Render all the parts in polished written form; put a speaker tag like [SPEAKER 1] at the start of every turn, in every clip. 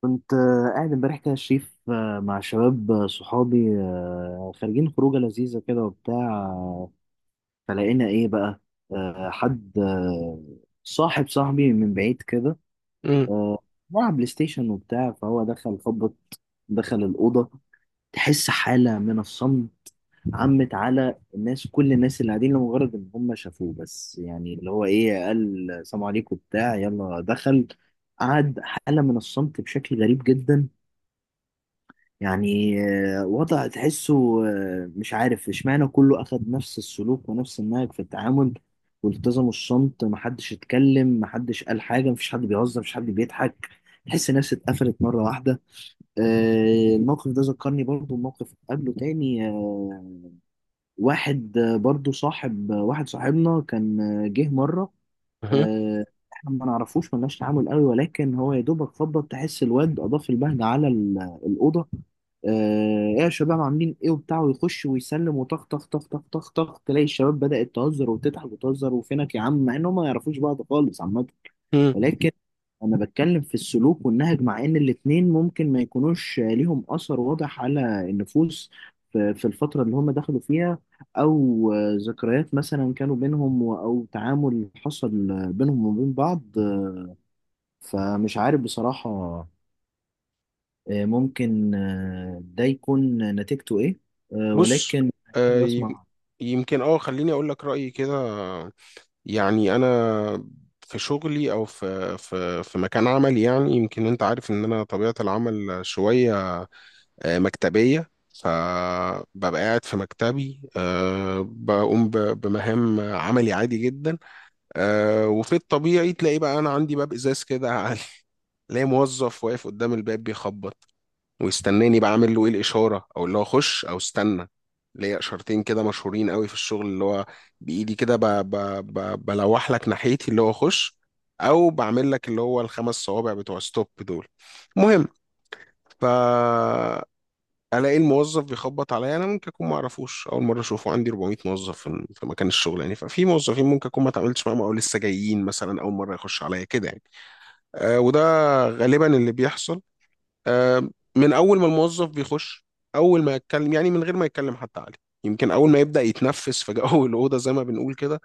[SPEAKER 1] كنت قاعد امبارح كده يا شريف، مع شباب، صحابي، خارجين خروجة لذيذة كده وبتاع. آه، فلقينا ايه بقى؟ حد، صاحبي من بعيد كده،
[SPEAKER 2] امم
[SPEAKER 1] آه، بيلعب بلاي ستيشن وبتاع. فهو دخل، خبط، دخل الأوضة، تحس حالة من الصمت عمت على الناس، كل الناس اللي قاعدين، لمجرد ان هم شافوه بس. يعني اللي هو ايه، قال سلام عليكم، بتاع، يلا دخل قعد، حالة من الصمت بشكل غريب جدا يعني. وضع تحسه، مش عارف اشمعنى كله أخد نفس السلوك ونفس النهج في التعامل، والتزموا الصمت، محدش اتكلم، محدش قال حاجة، مفيش حد بيهزر، مفيش حد بيضحك، تحس الناس اتقفلت مرة واحدة. الموقف ده ذكرني برضو بموقف قبله تاني. واحد، برضو صاحب، واحد صاحبنا كان، جه مرة،
[SPEAKER 2] اها،
[SPEAKER 1] آه، احنا ما نعرفوش، ملناش تعامل قوي، ولكن هو يا دوبك خبط، تحس الواد اضاف البهجه على الاوضه. آه، ايه يا شباب، عاملين ايه وبتاع، ويخش ويسلم وطخ طخ طخ طخ طخ طخ، تلاقي الشباب بدأت تهزر وتضحك وتهزر، وفينك يا عم، مع انهم ما يعرفوش بعض خالص عامه.
[SPEAKER 2] امم
[SPEAKER 1] ولكن انا بتكلم في السلوك والنهج، مع ان الاتنين ممكن ما يكونوش ليهم اثر واضح على النفوس في الفترة اللي هم دخلوا فيها، او ذكريات مثلا كانوا بينهم، او تعامل حصل بينهم وبين بعض. فمش عارف بصراحة، ممكن ده يكون نتيجته ايه.
[SPEAKER 2] بص.
[SPEAKER 1] ولكن
[SPEAKER 2] آه،
[SPEAKER 1] حابب
[SPEAKER 2] يم-
[SPEAKER 1] اسمع.
[SPEAKER 2] يمكن خليني اقول لك رايي كده. يعني انا في شغلي او في مكان عملي، يعني يمكن انت عارف ان انا طبيعه العمل شويه مكتبيه. فببقى قاعد في مكتبي، بقوم بمهام عملي عادي جدا. وفي الطبيعي تلاقي بقى انا عندي باب ازاز كده تلاقي موظف واقف قدام الباب بيخبط ويستناني بقى اعمل له ايه الاشاره، او اللي هو خش او استنى. ليا اشارتين كده مشهورين قوي في الشغل، اللي هو بايدي كده بلوح لك ناحيتي اللي هو خش، او بعمل لك اللي هو الخمس صوابع بتوع ستوب دول. المهم، ف الاقي الموظف بيخبط عليا، انا ممكن اكون ما اعرفوش، اول مره اشوفه، عندي 400 موظف في مكان الشغل يعني. ففي موظفين ممكن اكون ما اتعاملتش معاهم او لسه جايين مثلا اول مره يخش عليا كده يعني. وده غالبا اللي بيحصل. آه، من اول ما الموظف بيخش، اول ما يتكلم، يعني من غير ما يتكلم حتى، عليه يمكن اول ما يبدا يتنفس في جو الاوضه زي ما بنقول كده،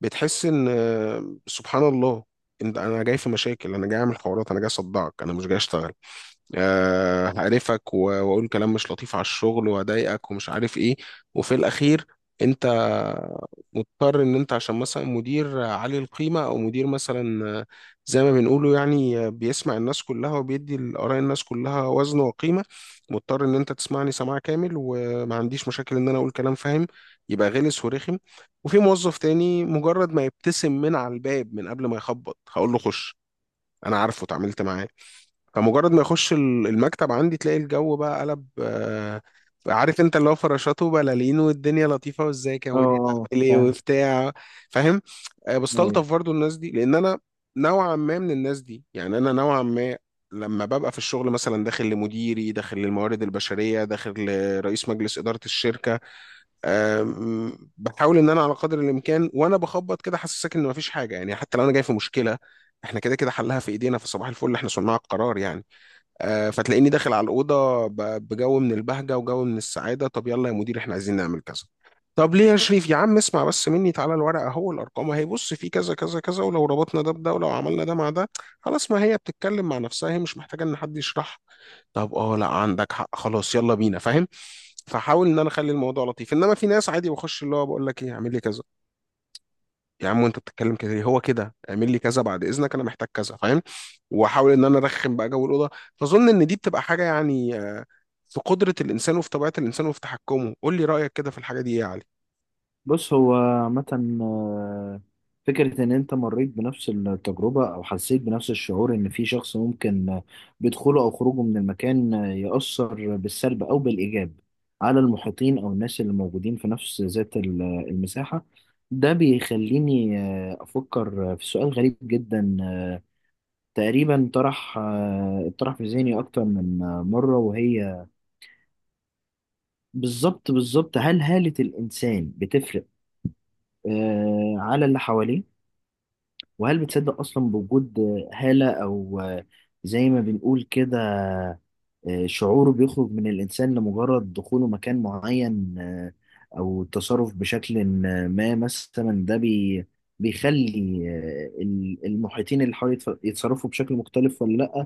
[SPEAKER 2] بتحس ان سبحان الله، انت انا جاي في مشاكل، انا جاي اعمل حوارات، انا جاي اصدعك، انا مش جاي اشتغل، هقرفك واقول كلام مش لطيف على الشغل واضايقك ومش عارف ايه. وفي الاخير انت مضطر، ان انت عشان مثلا مدير عالي القيمة، او مدير مثلا زي ما بنقوله يعني، بيسمع الناس كلها وبيدي لآراء الناس كلها وزن وقيمة، مضطر ان انت تسمعني سماع كامل وما عنديش مشاكل ان انا اقول كلام، فاهم؟ يبقى غلس ورخم. وفي موظف تاني مجرد ما يبتسم من على الباب من قبل ما يخبط هقول له خش، انا عارفه، اتعاملت معاه. فمجرد ما يخش المكتب عندي تلاقي الجو بقى قلب، عارف انت، اللي هو فراشات وبلالين والدنيا لطيفه، وازيك يا
[SPEAKER 1] اه،
[SPEAKER 2] مدير،
[SPEAKER 1] اه،
[SPEAKER 2] عامل ايه
[SPEAKER 1] فاهم.
[SPEAKER 2] وبتاع. فاهم؟ بستلطف
[SPEAKER 1] أيوة.
[SPEAKER 2] برضو الناس دي، لان انا نوعا ما من الناس دي. يعني انا نوعا ما، لما ببقى في الشغل مثلا داخل لمديري، داخل للموارد البشريه، داخل لرئيس مجلس اداره الشركه، بحاول ان انا على قدر الامكان وانا بخبط كده حاسسك ان مفيش حاجه، يعني حتى لو انا جاي في مشكله، احنا كده كده حلها في ايدينا، في صباح الفل، احنا صناع القرار يعني. فتلاقيني داخل على الأوضة بجو من البهجة وجو من السعادة. طب يلا يا مدير احنا عايزين نعمل كذا، طب ليه يا شريف يا عم؟ اسمع بس مني، تعالى الورقة اهو، الأرقام اهي، بص في كذا كذا كذا، ولو ربطنا ده بده ولو عملنا ده مع ده، خلاص ما هي بتتكلم مع نفسها، هي مش محتاجة إن حد يشرح. طب اه، لا عندك حق، خلاص يلا بينا، فاهم؟ فحاول إن أنا أخلي الموضوع لطيف. إنما في ناس عادي بخش، اللي هو بقول لك إيه، اعمل لي كذا، يا عم وانت بتتكلم كده ليه؟ هو كده اعمل لي كذا بعد اذنك انا محتاج كذا، فاهم؟ واحاول ان انا ارخم بقى جو الاوضه. فاظن ان دي بتبقى حاجه يعني في قدره الانسان وفي طبيعه الانسان وفي تحكمه. قول لي رايك كده في الحاجه دي ايه يا علي.
[SPEAKER 1] بص هو عامة، آه، فكرة إن أنت مريت بنفس التجربة أو حسيت بنفس الشعور، إن في شخص ممكن بدخوله أو خروجه من المكان يأثر بالسلب أو بالإيجاب على المحيطين أو الناس اللي موجودين في نفس ذات المساحة. ده بيخليني أفكر في سؤال غريب جدا، تقريبا طرح في ذهني أكتر من مرة، وهي بالظبط هل هالة الإنسان بتفرق على اللي حواليه؟ وهل بتصدق أصلا بوجود هالة، أو زي ما بنقول كده شعوره، بيخرج من الإنسان لمجرد دخوله مكان معين، أو التصرف بشكل ما مثلا؟ ده بيخلي المحيطين اللي حواليه يتصرفوا بشكل مختلف ولا لأ؟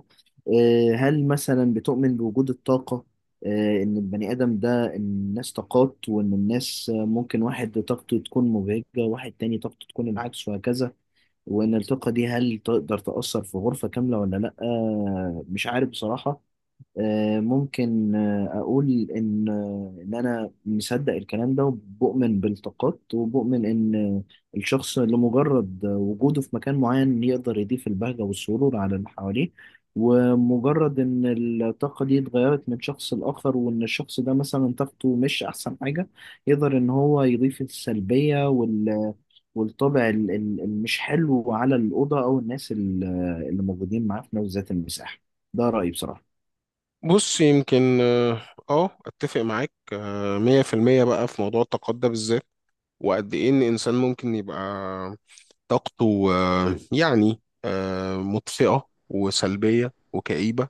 [SPEAKER 1] هل مثلا بتؤمن بوجود الطاقة؟ إن البني آدم ده، الناس طاقات، وإن الناس ممكن واحد طاقته تكون مبهجة، واحد تاني طاقته تكون العكس، وهكذا. وان الثقه دي هل تقدر تاثر في غرفه كامله ولا لا؟ مش عارف بصراحه. ممكن اقول ان، ان انا مصدق الكلام ده، وبؤمن بالطاقات، وبؤمن ان الشخص لمجرد وجوده في مكان معين يقدر يضيف البهجه والسرور على اللي حواليه. ومجرد ان الطاقه دي اتغيرت من شخص لاخر، وان الشخص ده مثلا طاقته مش احسن حاجه، يقدر ان هو يضيف السلبيه والطابع المش حلو على الأوضة أو اللي موجودين معاه في نفس ذات المساحة. ده رأيي بصراحة.
[SPEAKER 2] بص، يمكن اتفق معاك 100%، بقى في موضوع الطاقات ده بالذات. وقد ايه ان انسان ممكن يبقى طاقته مطفئه وسلبيه وكئيبه،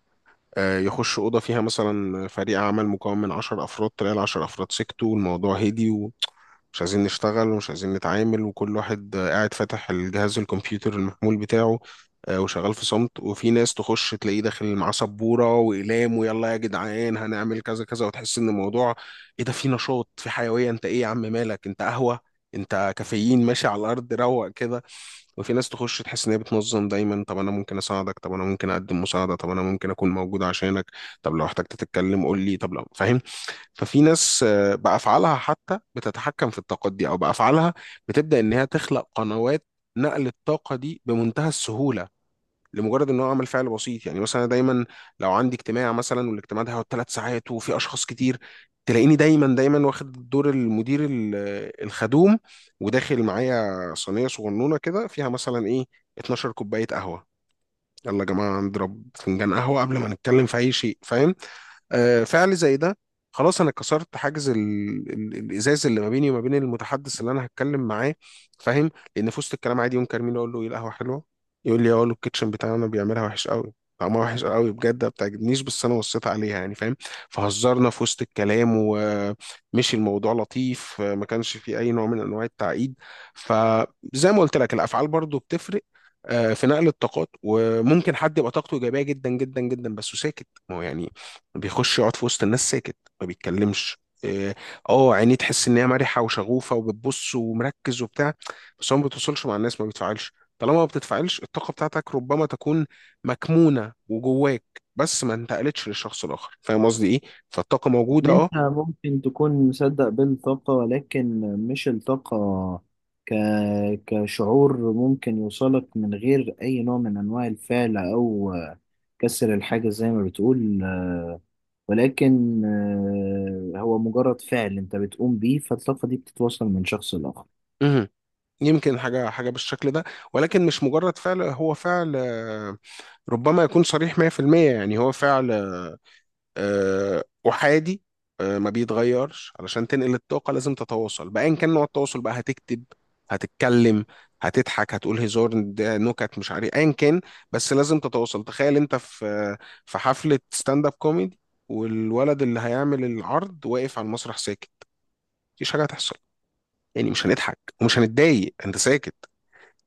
[SPEAKER 2] يخش أوضة فيها مثلا فريق عمل مكون من 10 أفراد، تلاقي العشر أفراد سكتوا، والموضوع هدي، ومش عايزين نشتغل ومش عايزين نتعامل، وكل واحد قاعد فاتح الجهاز الكمبيوتر المحمول بتاعه، وشغال في صمت. وفي ناس تخش تلاقيه داخل معاه سبوره واقلام، ويلا يا جدعان هنعمل كذا كذا، وتحس ان الموضوع ايه ده، في نشاط، في حيويه، انت ايه يا عم مالك، انت قهوه؟ انت كافيين ماشي على الارض، روق كده. وفي ناس تخش تحس ان هي بتنظم دايما، طب انا ممكن اساعدك، طب انا ممكن اقدم مساعده، طب انا ممكن اكون موجود عشانك، طب لو احتجت تتكلم قول لي، طب لو، فاهم؟ ففي ناس بافعالها حتى بتتحكم في الطاقات دي، او بافعالها بتبدا ان هي تخلق قنوات نقل الطاقه دي بمنتهى السهوله، لمجرد ان هو عمل فعل بسيط. يعني مثلا، دايما لو عندي اجتماع مثلا والاجتماع ده هيقعد 3 ساعات وفي اشخاص كتير، تلاقيني دايما دايما واخد دور المدير الخدوم، وداخل معايا صينيه صغنونه كده فيها مثلا ايه، 12 كوبايه قهوه. يلا يا جماعه نضرب فنجان قهوه قبل ما نتكلم في اي شيء، فاهم؟ فعل زي ده، خلاص انا كسرت حاجز الازاز اللي ما بيني وما بين المتحدث اللي انا هتكلم معاه. فاهم؟ لان في وسط الكلام عادي ينكر مين اقول له ايه القهوه حلوه، يقول لي اقول له الكيتشن بتاعنا بيعملها وحش قوي، طعمها وحش قوي بجد ما بتعجبنيش، بس انا وصيت عليها يعني، فاهم؟ فهزرنا في وسط الكلام ومشي الموضوع لطيف، ما كانش فيه اي نوع من انواع التعقيد. فزي ما قلت لك الافعال برضو بتفرق في نقل الطاقات. وممكن حد يبقى طاقته ايجابيه جدا جدا جدا، بس ساكت. ما هو يعني بيخش يقعد في وسط الناس ساكت، ما بيتكلمش، إيه، اه عينيه تحس ان هي مرحه وشغوفه وبتبص ومركز وبتاع، بس هو ما بتوصلش مع الناس، ما بيتفاعلش. طالما ما بتتفاعلش الطاقه بتاعتك ربما تكون مكمونه وجواك، بس ما انتقلتش للشخص الاخر، فاهم قصدي ايه؟ فالطاقه
[SPEAKER 1] إن
[SPEAKER 2] موجوده،
[SPEAKER 1] أنت
[SPEAKER 2] اه
[SPEAKER 1] ممكن تكون مصدق بالطاقة، ولكن مش الطاقة ك... كشعور ممكن يوصلك من غير أي نوع من أنواع الفعل أو كسر الحاجة زي ما بتقول، ولكن هو مجرد فعل أنت بتقوم بيه، فالطاقة دي بتتوصل من شخص لآخر.
[SPEAKER 2] مهم. يمكن حاجه حاجه بالشكل ده، ولكن مش مجرد فعل. هو فعل ربما يكون صريح 100%. يعني هو فعل احادي ما بيتغيرش. علشان تنقل الطاقه لازم تتواصل، بايا كان نوع التواصل بقى، هتكتب، هتتكلم، هتضحك، هتقول هزار، ده نكت، مش عارف ايا كان، بس لازم تتواصل. تخيل انت في حفله ستاند اب كوميدي، والولد اللي هيعمل العرض واقف على المسرح ساكت، مفيش حاجه هتحصل، يعني مش هنضحك ومش هنتضايق، انت ساكت.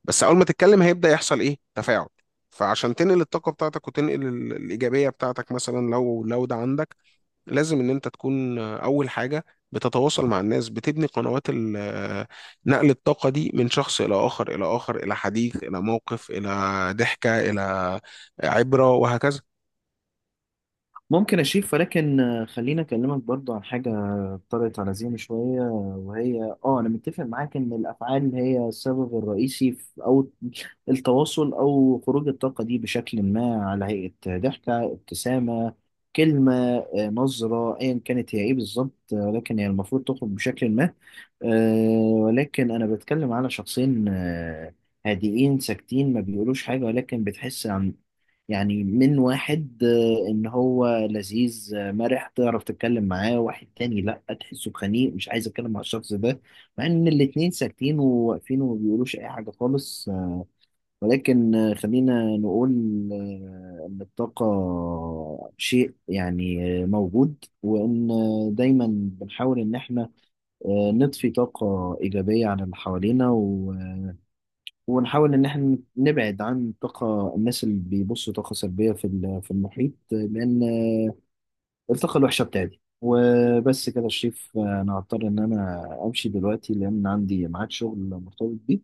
[SPEAKER 2] بس اول ما تتكلم هيبدا يحصل ايه، تفاعل. فعشان تنقل الطاقه بتاعتك وتنقل الايجابيه بتاعتك، مثلا لو ده عندك، لازم ان انت تكون اول حاجه بتتواصل مع الناس، بتبني قنوات نقل الطاقه دي من شخص الى اخر الى اخر، الى حديث الى موقف الى ضحكه الى عبره، وهكذا.
[SPEAKER 1] ممكن أشيف، ولكن خليني أكلمك برضو عن حاجة طرقت على ذهني شوية، وهي آه، أنا متفق معاك إن الأفعال هي السبب الرئيسي في، أو التواصل أو خروج الطاقة دي بشكل ما، على هيئة ضحكة، ابتسامة، كلمة، نظرة، أيا كانت هي إيه بالظبط، لكن هي المفروض تخرج بشكل ما. ولكن أنا بتكلم على شخصين هادئين ساكتين، ما بيقولوش حاجة، ولكن بتحس عن، يعني من واحد، ان هو لذيذ مرح تعرف تتكلم معاه، واحد تاني لا، تحسه خنيق مش عايز اتكلم مع الشخص ده، مع ان الاتنين ساكتين وواقفين وما بيقولوش اي حاجة خالص. ولكن خلينا نقول ان الطاقة شيء يعني موجود، وان دايما بنحاول ان احنا نضفي طاقة ايجابية عن اللي حوالينا، و ونحاول إن إحنا نبعد عن طاقة الناس اللي بيبصوا طاقة سلبية في المحيط، لأن الطاقة الوحشة بتاعتي. وبس كده يا شريف، أنا هضطر إن أنا أمشي دلوقتي لأن عندي ميعاد شغل مرتبط بيه.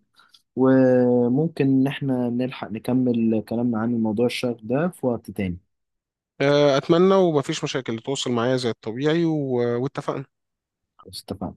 [SPEAKER 1] وممكن إن إحنا نلحق نكمل كلامنا عن الموضوع الشاغ ده في وقت تاني.
[SPEAKER 2] اتمنى، ومفيش مشاكل، تواصل معايا زي الطبيعي واتفقنا.
[SPEAKER 1] خلاص اتفقنا.